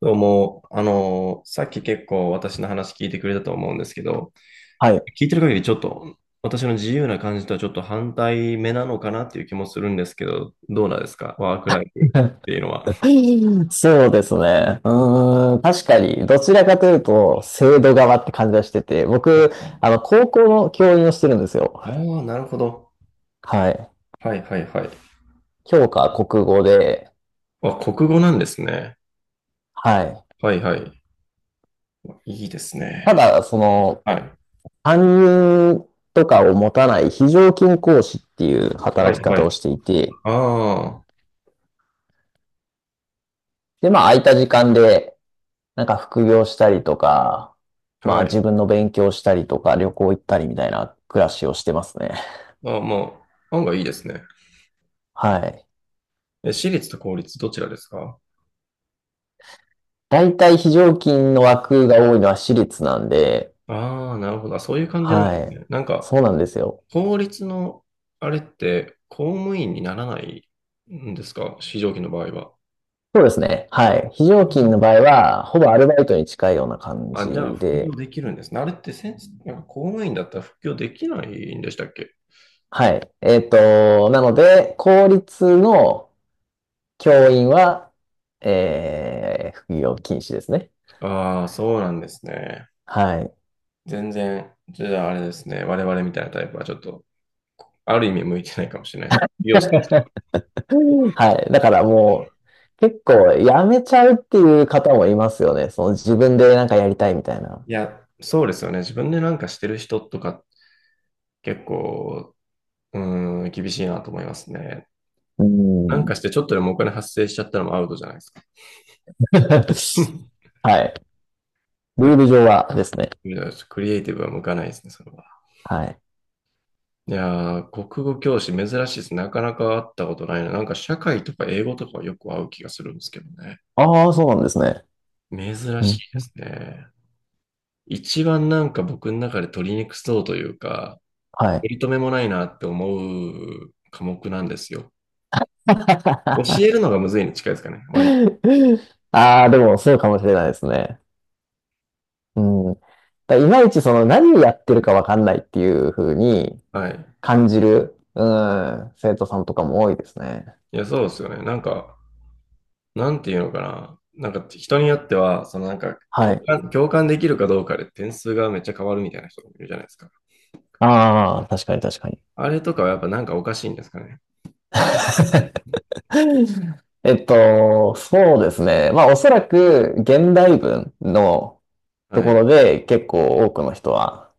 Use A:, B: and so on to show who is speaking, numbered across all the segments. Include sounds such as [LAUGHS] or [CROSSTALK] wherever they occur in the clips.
A: どうも、さっき結構私の話聞いてくれたと思うんですけど、
B: はい。
A: 聞いてる限りちょっと私の自由な感じとはちょっと反対目なのかなっていう気もするんですけど、どうなんですかワークライフっていうのは。
B: [LAUGHS] そうですね。うーん、確かに、どちらかというと、制度側って感じがしてて、僕、高校の教員をしてるんですよ。
A: ああ、なるほど。
B: はい。
A: はいはいはい。
B: 教科は国語で、
A: あ、国語なんですね。
B: はい。
A: はいはい。いいです
B: た
A: ね。
B: だ、
A: はい。
B: 担任とかを持たない非常勤講師っていう
A: は
B: 働き
A: いは
B: 方を
A: い。
B: していて、
A: あ
B: で、まあ、空いた時間で、なんか副業したりとか、
A: あ、
B: まあ、
A: は
B: 自
A: い。
B: 分の勉強したりとか、旅行行ったりみたいな暮らしをしてますね。
A: ああ、まあ、案外いいですね。
B: はい。
A: え、私立と公立どちらですか？
B: 大体非常勤の枠が多いのは私立なんで、
A: ああー、なるほど。あ、そういう感じなんで
B: は
A: す
B: い。
A: ね。なんか、
B: そうなんですよ。
A: 法律のあれって公務員にならないんですか、非常勤の場合は。
B: そうですね。はい。非常
A: あ、
B: 勤の場合は、ほぼアルバイトに近いような感じ
A: あ、じゃあ副
B: で、
A: 業できるんですね。あれってせん、なんか公務員だったら副業できないんでしたっけ？
B: はい。なので、公立の教員は、副業禁止ですね。
A: ああ、そうなんですね。
B: はい。
A: 全然、じゃああれですね。我々みたいなタイプはちょっと、ある意味向いてないかもしれないです。利用してる人は。
B: [LAUGHS] はい。だからもう、結構やめちゃうっていう方もいますよね。その自分でなんかやりたいみたいな。
A: いや、そうですよね。自分でなんかしてる人とか結構、うーん、厳しいなと思いますね。
B: う
A: なん
B: ん。
A: かしてちょっとでもお金発生しちゃったのもアウトじゃないですか。[LAUGHS]
B: [LAUGHS] はい。ルール上はですね。
A: いやクリエイティブは向かないですね、それは。
B: はい。
A: いやー、国語教師珍しいです。なかなか会ったことないな。なんか社会とか英語とかはよく会う気がするんですけどね。
B: ああ、そうなんですね。
A: 珍
B: う
A: し
B: ん、
A: いですね。一番なんか僕の中で取りにくそうというか、
B: はい。
A: 取り留めもないなって思う科目なんですよ。教え
B: [LAUGHS]
A: るのがむずいに近いですかね、割と。
B: ああ、でもそうかもしれないですね。うん。だいまいちその何をやってるかわかんないっていう風に
A: はい。
B: 感じる、うん、生徒さんとかも多いですね。
A: いや、そうですよね。なんか、なんていうのかな。なんか人によっては、そのなんか
B: は
A: 共
B: い。
A: 感、共感できるかどうかで点数がめっちゃ変わるみたいな人もいるじゃないですか。
B: ああ、確かに確かに。
A: あれとかはやっぱなんかおかしいんですかね。
B: [LAUGHS] そうですね。まあ、おそらく現代文のと
A: は
B: ころ
A: い。
B: で結構多くの人は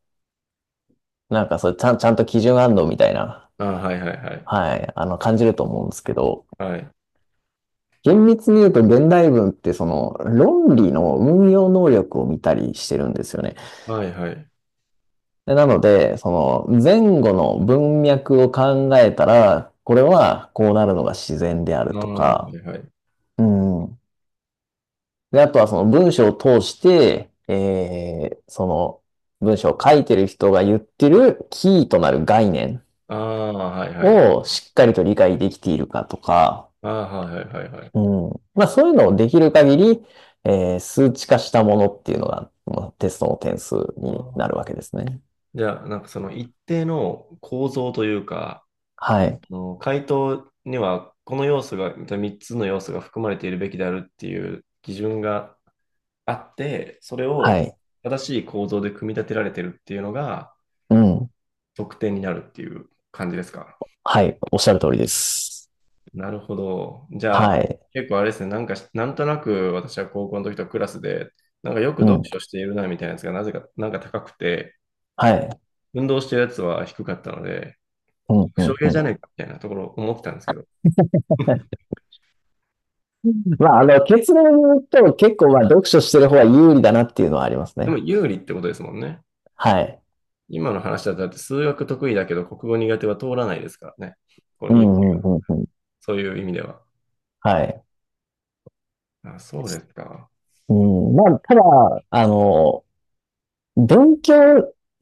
B: なんかそれちゃんと基準あんのみたいな、
A: ああ、はいはいはい。
B: はい、感じると思うんですけど、
A: はい。
B: 厳密に言うと現代文ってその論理の運用能力を見たりしてるんですよね。
A: はいはい。
B: でなので、その前後の文脈を考えたら、これはこうなるのが自然である
A: ああ、
B: と
A: は
B: か、
A: いはい。
B: うん。で、あとはその文章を通して、その文章を書いてる人が言ってるキーとなる概念
A: ああ、はいはい。
B: をしっかりと理解できているかとか、
A: ああ、はいはいはいはい。
B: うん。まあそういうのをできる限り、数値化したものっていうのが、まあテストの点数にな
A: ああ。
B: るわけですね。
A: じゃあ、なんかその一定の構造というか、
B: はい。
A: あの回答にはこの要素が、3つの要素が含まれているべきであるっていう基準があって、それを
B: はい。
A: 正しい構造で組み立てられてるっていうのが
B: うん。
A: 得点になるっていう感じですか？
B: はい。おっしゃる通りです。
A: なるほど。じゃ
B: は
A: あ、
B: い。
A: 結構あれですね、なんか、なんとなく私は高校の時とクラスで、なんかよく
B: う
A: 読
B: ん。
A: 書しているなみたいなやつがなぜか、なんか高くて、
B: はい。
A: 運動してるやつは低かったので、
B: うん、
A: 副
B: う
A: 賞
B: ん、
A: 系
B: う
A: じ
B: ん。
A: ゃねえかみたいなところ思ってたんですけど、
B: まあ、結論を言うと結構まあ読書してる方が有利だなっていうのはあります
A: でも
B: ね。
A: 有利ってことですもんね。
B: はい。
A: 今の話だと、だって数学得意だけど国語苦手は通らないですからね。こ
B: う
A: ういう
B: ん、うん、うん、うん。
A: そういう意味では。
B: はい。
A: あ、そうですか。
B: うん。まあ、ただ、あの、勉強、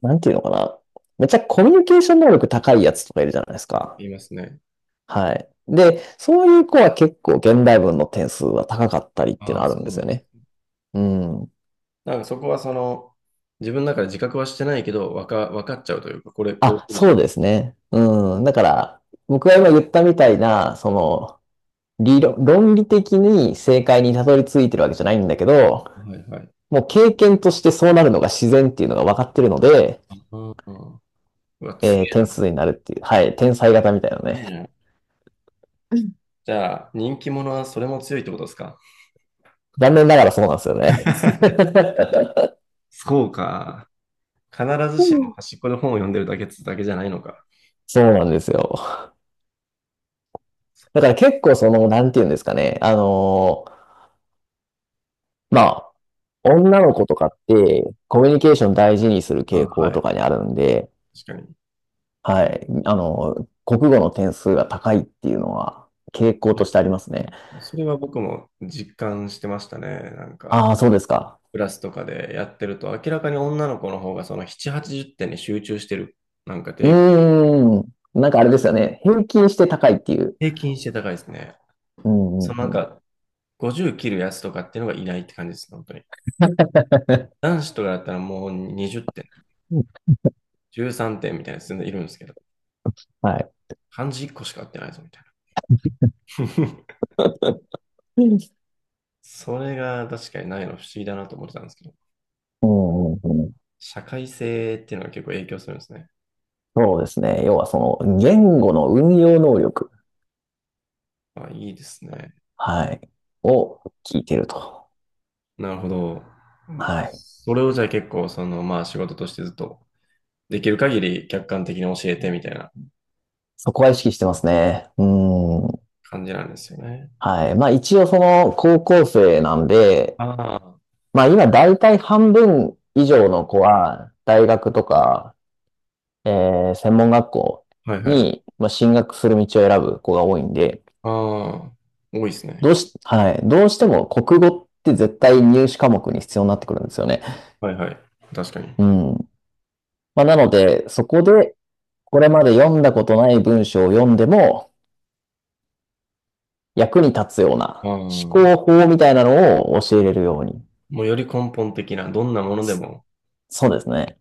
B: なんていうのかな。めっちゃコミュニケーション能力高いやつとかいるじゃないですか。
A: 言いますね。
B: はい。で、そういう子は結構現代文の点数は高かったりっていう
A: あ
B: の
A: あ、
B: ある
A: そ
B: んで
A: う
B: す
A: なん
B: よ
A: です。
B: ね。うん。
A: なんかそこはその、自分の中で自覚はしてないけど、わかっちゃうというか、これ、こう
B: あ、
A: 来るじゃ
B: そ
A: ん。
B: うですね。うん。だから、僕が今言ったみたいな、論理的に正解にたどり着いてるわけじゃないんだけど、
A: はいはい。
B: もう経験としてそうなるのが自然っていうのが分かってるので、
A: うんうん。うわ、強い
B: 点
A: な。強
B: 数になるっていう。はい。天才型みたいなね。
A: えな。じゃあ、人気者はそれも強いってことですか？
B: 残念ながらそうなんですよね。
A: [LAUGHS]
B: [LAUGHS]
A: そうか。必ずしも端っこで本を読んでるだけっつだけじゃないのか。
B: そうなんですよ。
A: そ
B: だか
A: う、
B: ら結構その、なんていうんですかね。まあ、女の子とかって、コミュニケーション大事にする
A: あ、
B: 傾
A: は
B: 向とか
A: い。
B: にあるんで、
A: 確かに。
B: はい。国語の点数が高いっていうのは、傾向
A: いや、
B: としてありますね。
A: それは僕も実感してましたね。なんか、
B: ああ、そうですか。
A: クラスとかでやってると、明らかに女の子の方がその7、80点に集中してる。なんか
B: う
A: 平
B: ーん。なんかあれですよね。平均して高いっていう。
A: 平均して高いですね。
B: うん
A: そ
B: う
A: のなん
B: ん
A: か、50切るやつとかっていうのがいないって感じですね、本当に。男子とかだったらもう20点。
B: うん。
A: 13点みたいなやつ全然いるんですけど、
B: はい。
A: 漢字1個しか合ってないぞみたいな。[LAUGHS]
B: うん
A: それが確かにないの不思議だなと思ってたんですけど、
B: うんうん。
A: 社会性っていうのが結構影響するんですね。
B: そうですね。要はその、言語の運用能力。
A: あ、いいですね。
B: はい。を聞いてると。
A: なるほど。
B: はい。
A: それをじゃあ結構、その、まあ仕事としてずっとできる限り客観的に教えてみたいな
B: そこは意識してますね。うん。
A: 感じなんですよね。
B: はい。まあ一応その高校生なんで、
A: ああ、
B: まあ今大体半分以上の子は大学とか、え専門学校
A: はいはい。あ
B: に、まあ、進学する道を選ぶ子が多いんで、
A: あ、多いです
B: ど
A: ね。
B: うし、はい。どうしても国語って絶対入試科目に必要になってくるんですよね。
A: はいはい。確かに。
B: うん。まあなので、そこでこれまで読んだことない文章を読んでも役に立つよう
A: あ
B: な
A: あ、も
B: 思考法みたいなのを教えれるように。
A: うより根本的な、どんなもので
B: そ
A: も
B: そうですね。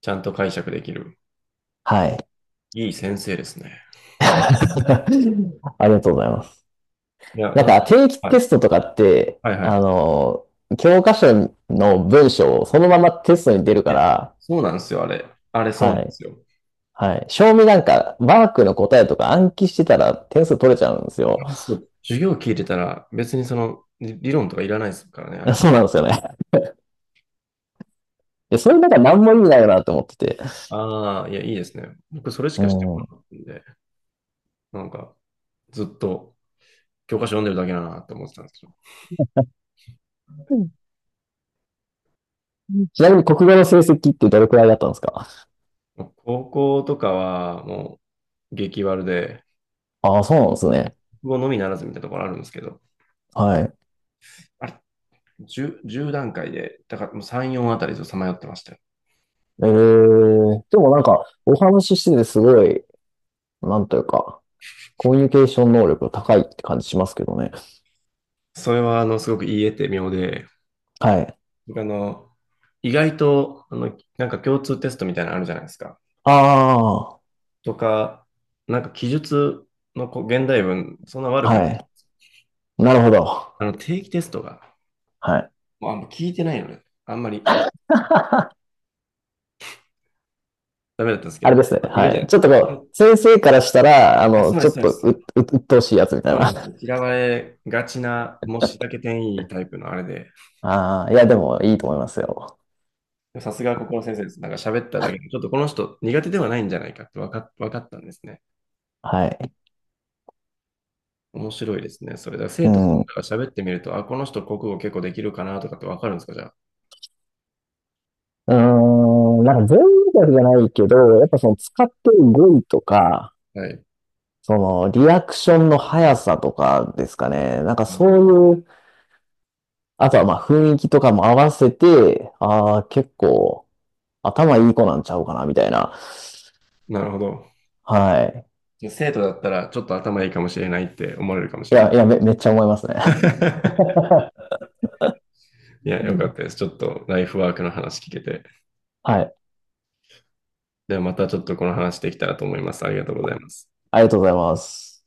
A: ちゃんと解釈できる。
B: はい。
A: いい先生ですね。
B: [LAUGHS] ありがとうございます。
A: いや、
B: なん
A: なんか、
B: か定期
A: は
B: テ
A: い、
B: ストとかって、
A: はいはい。
B: 教科書の文章をそのままテストに出る
A: い
B: か
A: や、
B: ら、
A: そうなんですよ、あれ。あれ、そうな
B: は
A: んで
B: い。
A: すよ。
B: はい。正味なんか、ワークの答えとか暗記してたら点数取れちゃうんです
A: あ
B: よ。
A: れ、そう。授業聞いてたら、別にその、理論とかいらないですからね、あ
B: [LAUGHS]
A: れ。
B: そうなんですよね。で、それなんか何も意味ないよなと思ってて。
A: ああ、いや、いいですね。僕、それし
B: う
A: かしてこな
B: ん。
A: かったんで、なんか、ずっと教科書読んでるだけだなって思ってたんですけ
B: ちなみに国語の成績ってどれくらいだったんですか？
A: ど、高校とかは、もう、激悪で、
B: ああ、そうなんですね。
A: 国語のみならずみたいなところあるんですけど、
B: はい。
A: あれ、10、じゅう段階で、だからもう3、4あたりずっとさまよってましたよ。
B: ええでもなんか、お話ししててすごい、なんというか、コミュニケーション能力が高いって感じしますけどね。
A: それは、あの、すごく言い得て妙で、
B: はい。
A: あの、意外と、あの、なんか共通テストみたいなのあるじゃないですか。
B: あ
A: とか、なんか記述のこう現代文、そんな
B: あ、
A: 悪くない。
B: はい。なるほど。
A: あの、定期テストが、
B: はい。
A: もうあんま聞いてないのね。あんまり
B: [LAUGHS]
A: ダメだったんですけ
B: あれ
A: ど、
B: ですね。
A: いる
B: は
A: じゃな
B: い。
A: いで
B: ち
A: す
B: ょっ
A: か。
B: とこ
A: え、
B: う、先生からしたら、
A: あ、そうで
B: ちょ
A: す、
B: っ
A: そうで
B: と
A: す。
B: 鬱陶しいやつみた
A: そ
B: い
A: うな
B: な。
A: んですよ。
B: [LAUGHS]
A: 嫌われがちな、もうしらけ点いいタイプのあれで、
B: ああ、いや、でもいいと思いますよ。
A: さすがここの先生です。なんか喋っただけで、ちょっとこの人苦手ではないんじゃないかってわかったんですね。
B: はい。
A: 面白いですね。それだから
B: う
A: 生徒さ
B: ん。う
A: んが喋ってみると、あ、この人国語結構できるかなとかってわかるんですか、じゃあ。
B: ーん、なんか全員だけじゃないけど、やっぱその使ってる語彙とか、
A: はい。
B: そのリアクションの速さとかですかね。なんか
A: あ
B: そ
A: の、
B: ういう、あとはまあ雰囲気とかも合わせて、ああ、結構頭いい子なんちゃうかな、みたいな。
A: なるほど。
B: はい。
A: じゃあ生徒だったらちょっと頭いいかもしれないって思われるかも
B: い
A: しれな
B: や、
A: い。
B: いや、めっちゃ思いますね。
A: [LAUGHS] いや、よかったです。
B: [LAUGHS]
A: ちょっとライフワークの話聞けて。
B: はい。
A: ではまたちょっとこの話できたらと思います。ありがとうございます。
B: ありがとうございます。